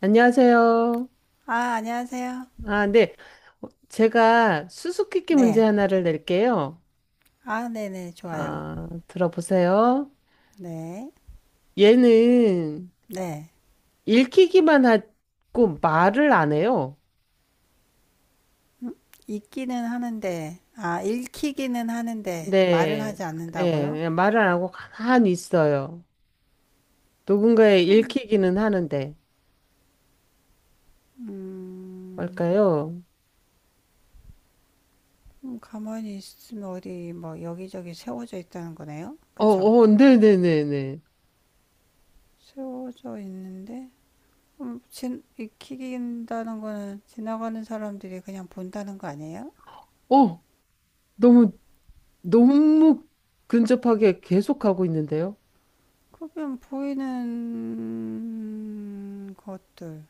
안녕하세요. 아, 안녕하세요. 아, 네. 제가 수수께끼 문제 네. 하나를 낼게요. 아, 네네, 좋아요. 아, 들어보세요. 네. 얘는 네. 읽히기만 하고 말을 안 해요. 읽기는 하는데, 아, 읽히기는 하는데, 말을 네. 하지 네. 않는다고요? 그냥 말을 안 하고 가만히 있어요. 누군가의 읽히기는 하는데. 음, 뭘까요? 가만히 있으면 어디, 뭐, 여기저기 세워져 있다는 거네요? 어, 그쵸? 어, 네네네네. 세워져 있는데, 읽힌다는 거는 지나가는 사람들이 그냥 본다는 거 아니에요? 어, 너무, 너무 근접하게 계속하고 있는데요. 그러면 보이는 것들,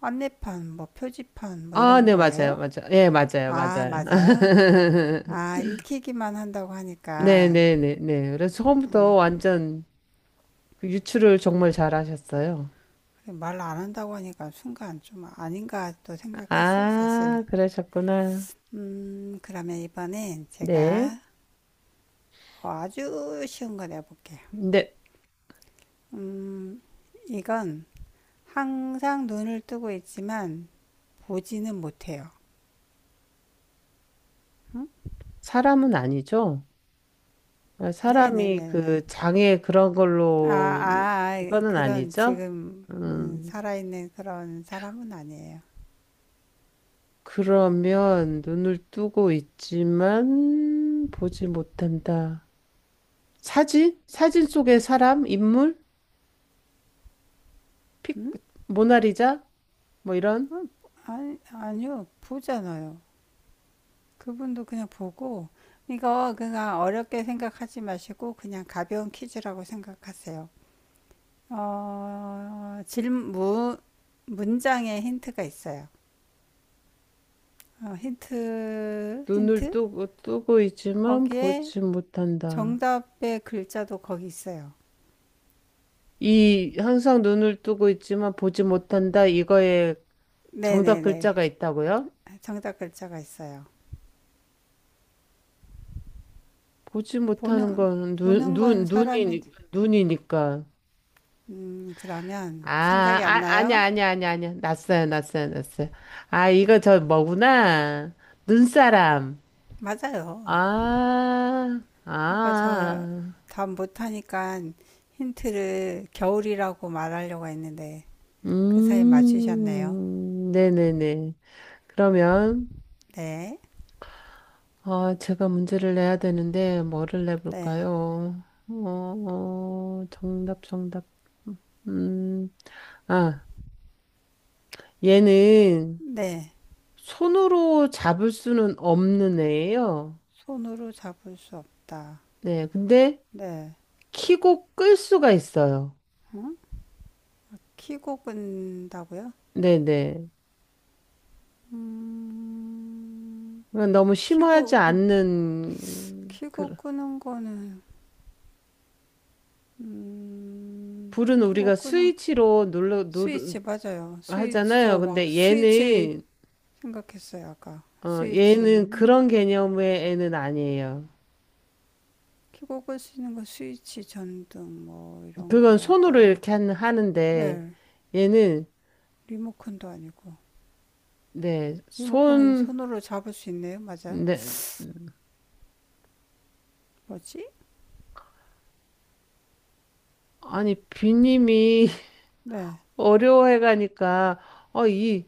안내판, 뭐, 표지판, 뭐, 아, 이런 네, 맞아요. 거예요? 맞아요. 예, 맞아요. 아, 맞아요. 맞아요? 아, 익히기만 한다고 하니까, 네네네네. 그래서 처음부터 완전 그 유추를 정말 잘하셨어요. 말 안 한다고 하니까 순간 좀 아닌가 또 생각했어요, 사실. 아, 그러셨구나. 그러면 이번엔 네. 제가 아주 쉬운 거 내볼게요. 근데 음, 이건 항상 눈을 뜨고 있지만 보지는 못해요. 사람은 아니죠? 아, 사람이 네네네네. 그 장애 그런 아, 걸로 아, 아, 그거는 그런 아니죠? 지금 음, 살아있는 그런 사람은 아니에요. 그러면 눈을 뜨고 있지만 보지 못한다. 사진? 사진 속의 사람? 인물? 픽, 모나리자? 뭐 이런? 음, 아니, 아니요, 보잖아요. 그분도 그냥 보고 이거 그냥 어렵게 생각하지 마시고 그냥 가벼운 퀴즈라고 생각하세요. 어, 질문 문장에 힌트가 있어요. 어, 힌트 눈을 힌트 뜨고 뜨고 있지만 거기에 보지 못한다. 정답의 글자도 거기 있어요. 이 항상 눈을 뜨고 있지만 보지 못한다. 이거에 정답 네네네 글자가 있다고요? 정답 글자가 있어요. 보지 못하는 보는 건 눈, 보는 건 눈, 사람인 눈이, 눈이니까. 그러면 아, 생각이 안 아, 아니야, 나요? 아니야, 아니야, 아니야. 났어요, 났어요, 났어요. 아, 이거 저 뭐구나. 눈사람. 맞아요. 아, 아. 아빠 저 아. 답 못하니까 힌트를 겨울이라고 말하려고 했는데 그 사이 맞추셨네요. 네네네. 그러면. 네, 아, 제가 문제를 내야 되는데, 뭐를 네, 내볼까요? 어, 어, 정답, 정답. 음, 아, 얘는 네. 손으로 잡을 수는 없는 애예요. 손으로 잡을 수 없다. 네, 근데 네. 키고 끌 수가 있어요. 응? 키고 끈다고요? 네네. 음, 너무 심하지 키고, 않는, 그, 키고 끄는 거는, 불은 키고 우리가 끄는, 스위치로 눌러, 누르, 스위치 맞아요. 스위치, 하잖아요. 저 막 근데 스위치 얘는, 생각했어요, 아까. 어, 얘는 스위치는? 그런 개념의 애는 아니에요. 켜고 끌 수 있는 거 스위치, 전등 뭐 이런 그건 손으로 거가 이렇게 하는데 네 얘는 리모컨도 아니고 네, 리모컨은 손 손으로 잡을 수 있네요 맞아요 네, 뭐지 아니 비님이 네 어려워해가니까 이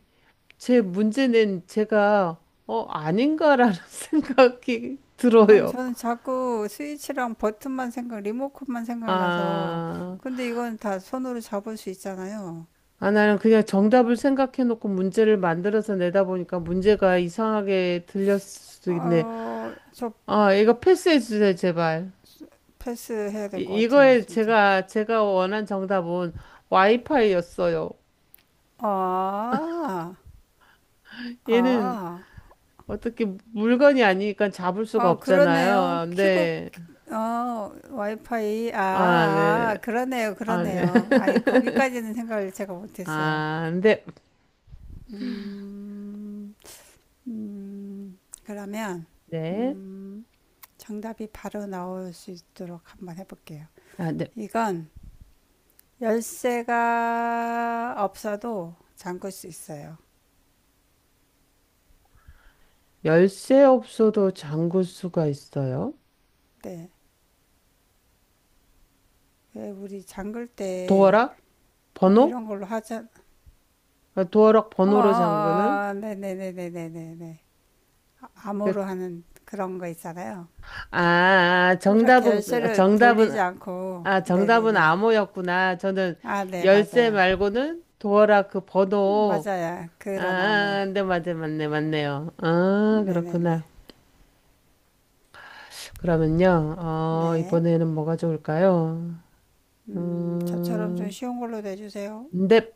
제 문제는 제가 아닌가라는 생각이 아니 들어요. 저는 자꾸 스위치랑 버튼만 생각 리모컨만 생각나서 아, 근데 이건 다 손으로 잡을 수 있잖아요 아, 나는 그냥 정답을 생각해놓고 문제를 만들어서 내다 보니까 문제가 이상하게 들렸을 수도 있네. 아저 아, 이거 패스해주세요, 제발. 패스해야 될 것 같아요 이거에 진짜 제가 원한 정답은 와이파이였어요. 아 얘는 아, 어떻게 물건이 아니니까 잡을 수가 아, 그러네요. 없잖아요. 키고 근데 어, 와이파이. 아, 아, 네. 아, 그러네요, 아, 네. 그러네요. 아이, 거기까지는 생각을 제가 못했어요. 아, 근데 음, 음, 그러면, 네. 음, 정답이 바로 나올 수 있도록 한번 해볼게요. 아, 네. 이건 열쇠가 없어도 잠글 수 있어요. 열쇠 없어도 잠글 수가 있어요. 네. 왜 우리 잠글 때 도어락 뭐 번호? 이런 걸로 하자. 아, 도어락 어, 번호로 잠그는? 어, 어, 네네네네네네. 그- 암호로 하는 그런 거 있잖아요. 아, 아, 이렇게 정답은 열쇠를 정답은 돌리지 않고, 아, 정답은 네네네. 암호였구나. 저는 아, 네, 열쇠 맞아요. 말고는 도어락 그 번호. 맞아요. 그런 나무. 아, 네, 맞네, 맞네, 맞네요. 아, 네네네. 그렇구나. 그러면요, 어, 네. 이번에는 뭐가 좋을까요? 저처럼 좀 음, 쉬운 걸로 내주세요. 넵.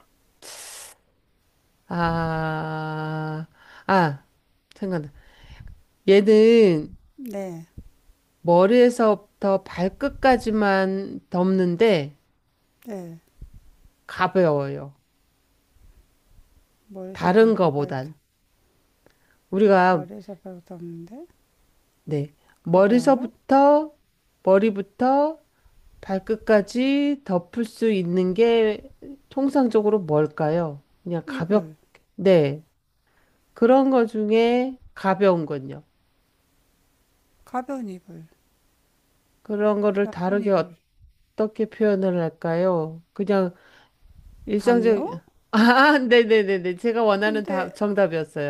아, 아, 생각나. 얘는 네, 머리에서부터 발끝까지만 덮는데 네. 가벼워요. 머리에서 다른 발끝까지, 거보단. 우리가 머리에서 발끝 없는데? 네. 가벼워요? 머리서부터, 머리부터 발끝까지 덮을 수 있는 게 통상적으로 뭘까요? 그냥 이불. 가볍, 네. 그런 거 중에 가벼운 건요. 가벼운 이불. 그런 거를 얇은 다르게 이불. 어떻게 표현을 할까요? 그냥 일상적, 담요? 아, 네네네네. 제가 원하는 근데, 답,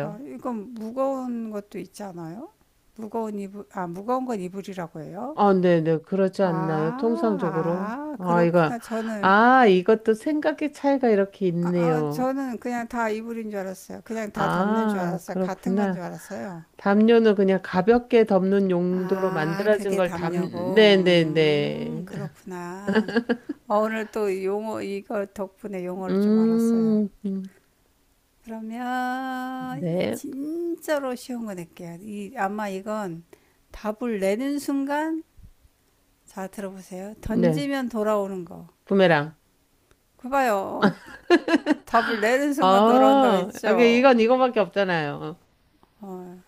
아, 이건 무거운 것도 있잖아요? 무거운 이불, 아, 무거운 건 이불이라고 해요? 아, 네네. 그렇지 아, 않나요? 통상적으로. 아, 아, 이거, 그렇구나. 저는 아, 이것도 생각의 차이가 이렇게 아, 아, 있네요. 저는 그냥 다 이불인 줄 알았어요. 그냥 다 담는 줄 아, 알았어요. 같은 건 그렇구나. 줄 알았어요. 담요는 그냥 가볍게 덮는 용도로 아, 만들어진 그게 걸 담, 담요고. 네네네. 그렇구나. 어, 오늘 또 용어, 이거 덕분에 용어를 좀 알았어요. 음, 음, 그러면, 네. 진짜로 쉬운 거 낼게요. 이, 아마 이건 답을 내는 순간, 자, 들어보세요. 네. 던지면 돌아오는 거. 부메랑. 그 봐요. 답을 내는 순간 돌아온다고 아, 했죠. 이건 이거밖에 없잖아요. 어,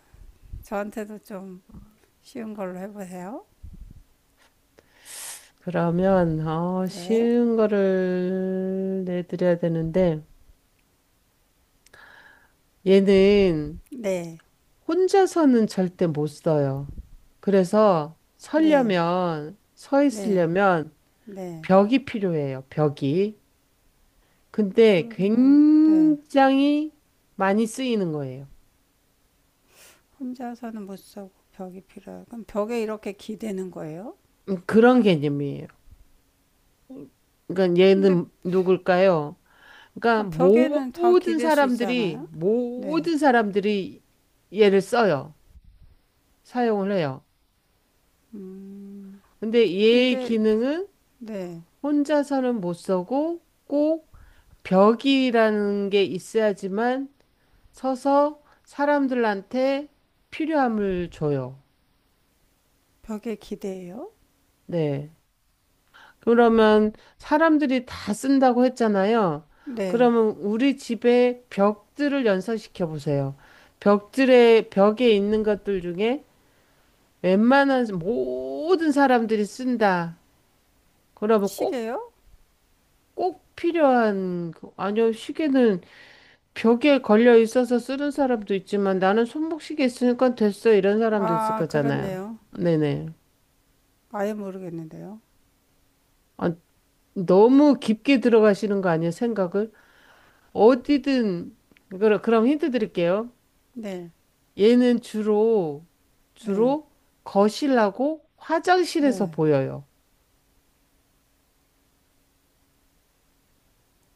저한테도 좀 쉬운 걸로 해보세요. 그러면, 어, 네, 쉬운 거를 내드려야 되는데, 얘는 네, 혼자서는 절대 못 써요. 그래서 네, 서려면, 서 네, 있으려면 네. 벽이 필요해요, 벽이. 근데 그럼 뭐, 네. 굉장히 많이 쓰이는 거예요. 혼자서는 못 쓰고 벽이 필요해요. 그럼 벽에 이렇게 기대는 거예요? 그런 개념이에요. 음, 그러니까 근데 얘는 누굴까요? 그러니까 아, 벽에는 다 모든 기댈 수 사람들이 있잖아요. 네, 모든 사람들이 얘를 써요. 사용을 해요. 음, 근데 얘의 근데 기능은 네, 혼자서는 못 쓰고 꼭 벽이라는 게 있어야지만 서서 사람들한테 필요함을 줘요. 벽에 기대요? 네. 그러면 사람들이 다 쓴다고 했잖아요. 네, 그러면 우리 집에 벽들을 연상시켜 보세요. 벽들의 벽에 있는 것들 중에 웬만한 모든 사람들이 쓴다. 그러면 꼭, 시계요? 꼭 필요한, 그- 아니요, 시계는 벽에 걸려 있어서 쓰는 사람도 있지만 나는 손목시계 있으니까 됐어. 이런 사람도 있을 아, 거잖아요. 그렇네요. 네네. 아예 모르겠는데요. 아, 너무 깊게 들어가시는 거 아니에요? 생각을? 어디든 그럼 힌트 드릴게요. 네, 얘는 주로 네, 주로 거실하고 화장실에서 네. 보여요.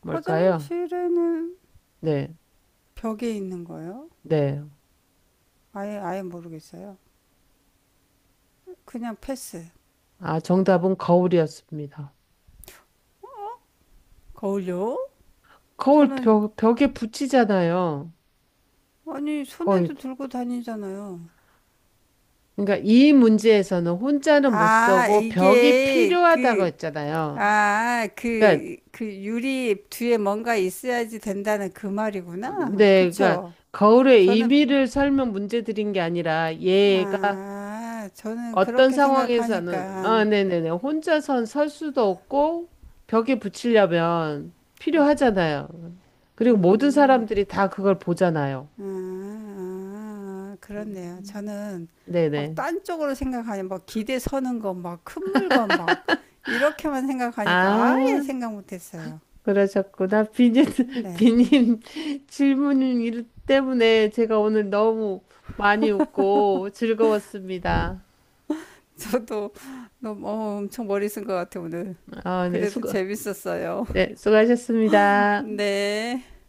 뭘까요? 화장실에는 네, 벽에 있는 거예요? 네. 아예 모르겠어요. 그냥 패스. 아, 정답은 거울이었습니다. 거울요? 거울 저는 벽에 붙이잖아요. 아니 거울. 손에도 들고 다니잖아요. 그러니까 이 문제에서는 혼자는 못 아, 쓰고 벽이 이게 필요하다고 그 했잖아요. 아, 그러니까 그, 그 유리 뒤에 뭔가 있어야지 된다는 그 말이구나. 네, 그러니까 그쵸? 거울의 저는, 의미를 설명 문제 드린 게 아니라 얘가 아, 저는 어떤 그렇게 상황에서는, 생각하니까, 아, 네네네. 혼자선 설 수도 없고, 벽에 붙이려면 필요하잖아요. 그리고 모든 음. 사람들이 다 그걸 보잖아요. 아, 아, 그렇네요. 저는 막 네네. 딴 쪽으로 생각하니 막 기대 서는 거, 막 큰 물건 막 이렇게만 생각하니까 아예 아, 생각 못했어요. 그러셨구나. 비님, 네, 비님 질문 때문에 제가 오늘 너무 많이 웃고 즐거웠습니다. 저도 너무 어, 엄청 머리 쓴 것 같아요 오늘. 아, 네, 그래도 수고, 재밌었어요. 네, 수고하셨습니다. 네.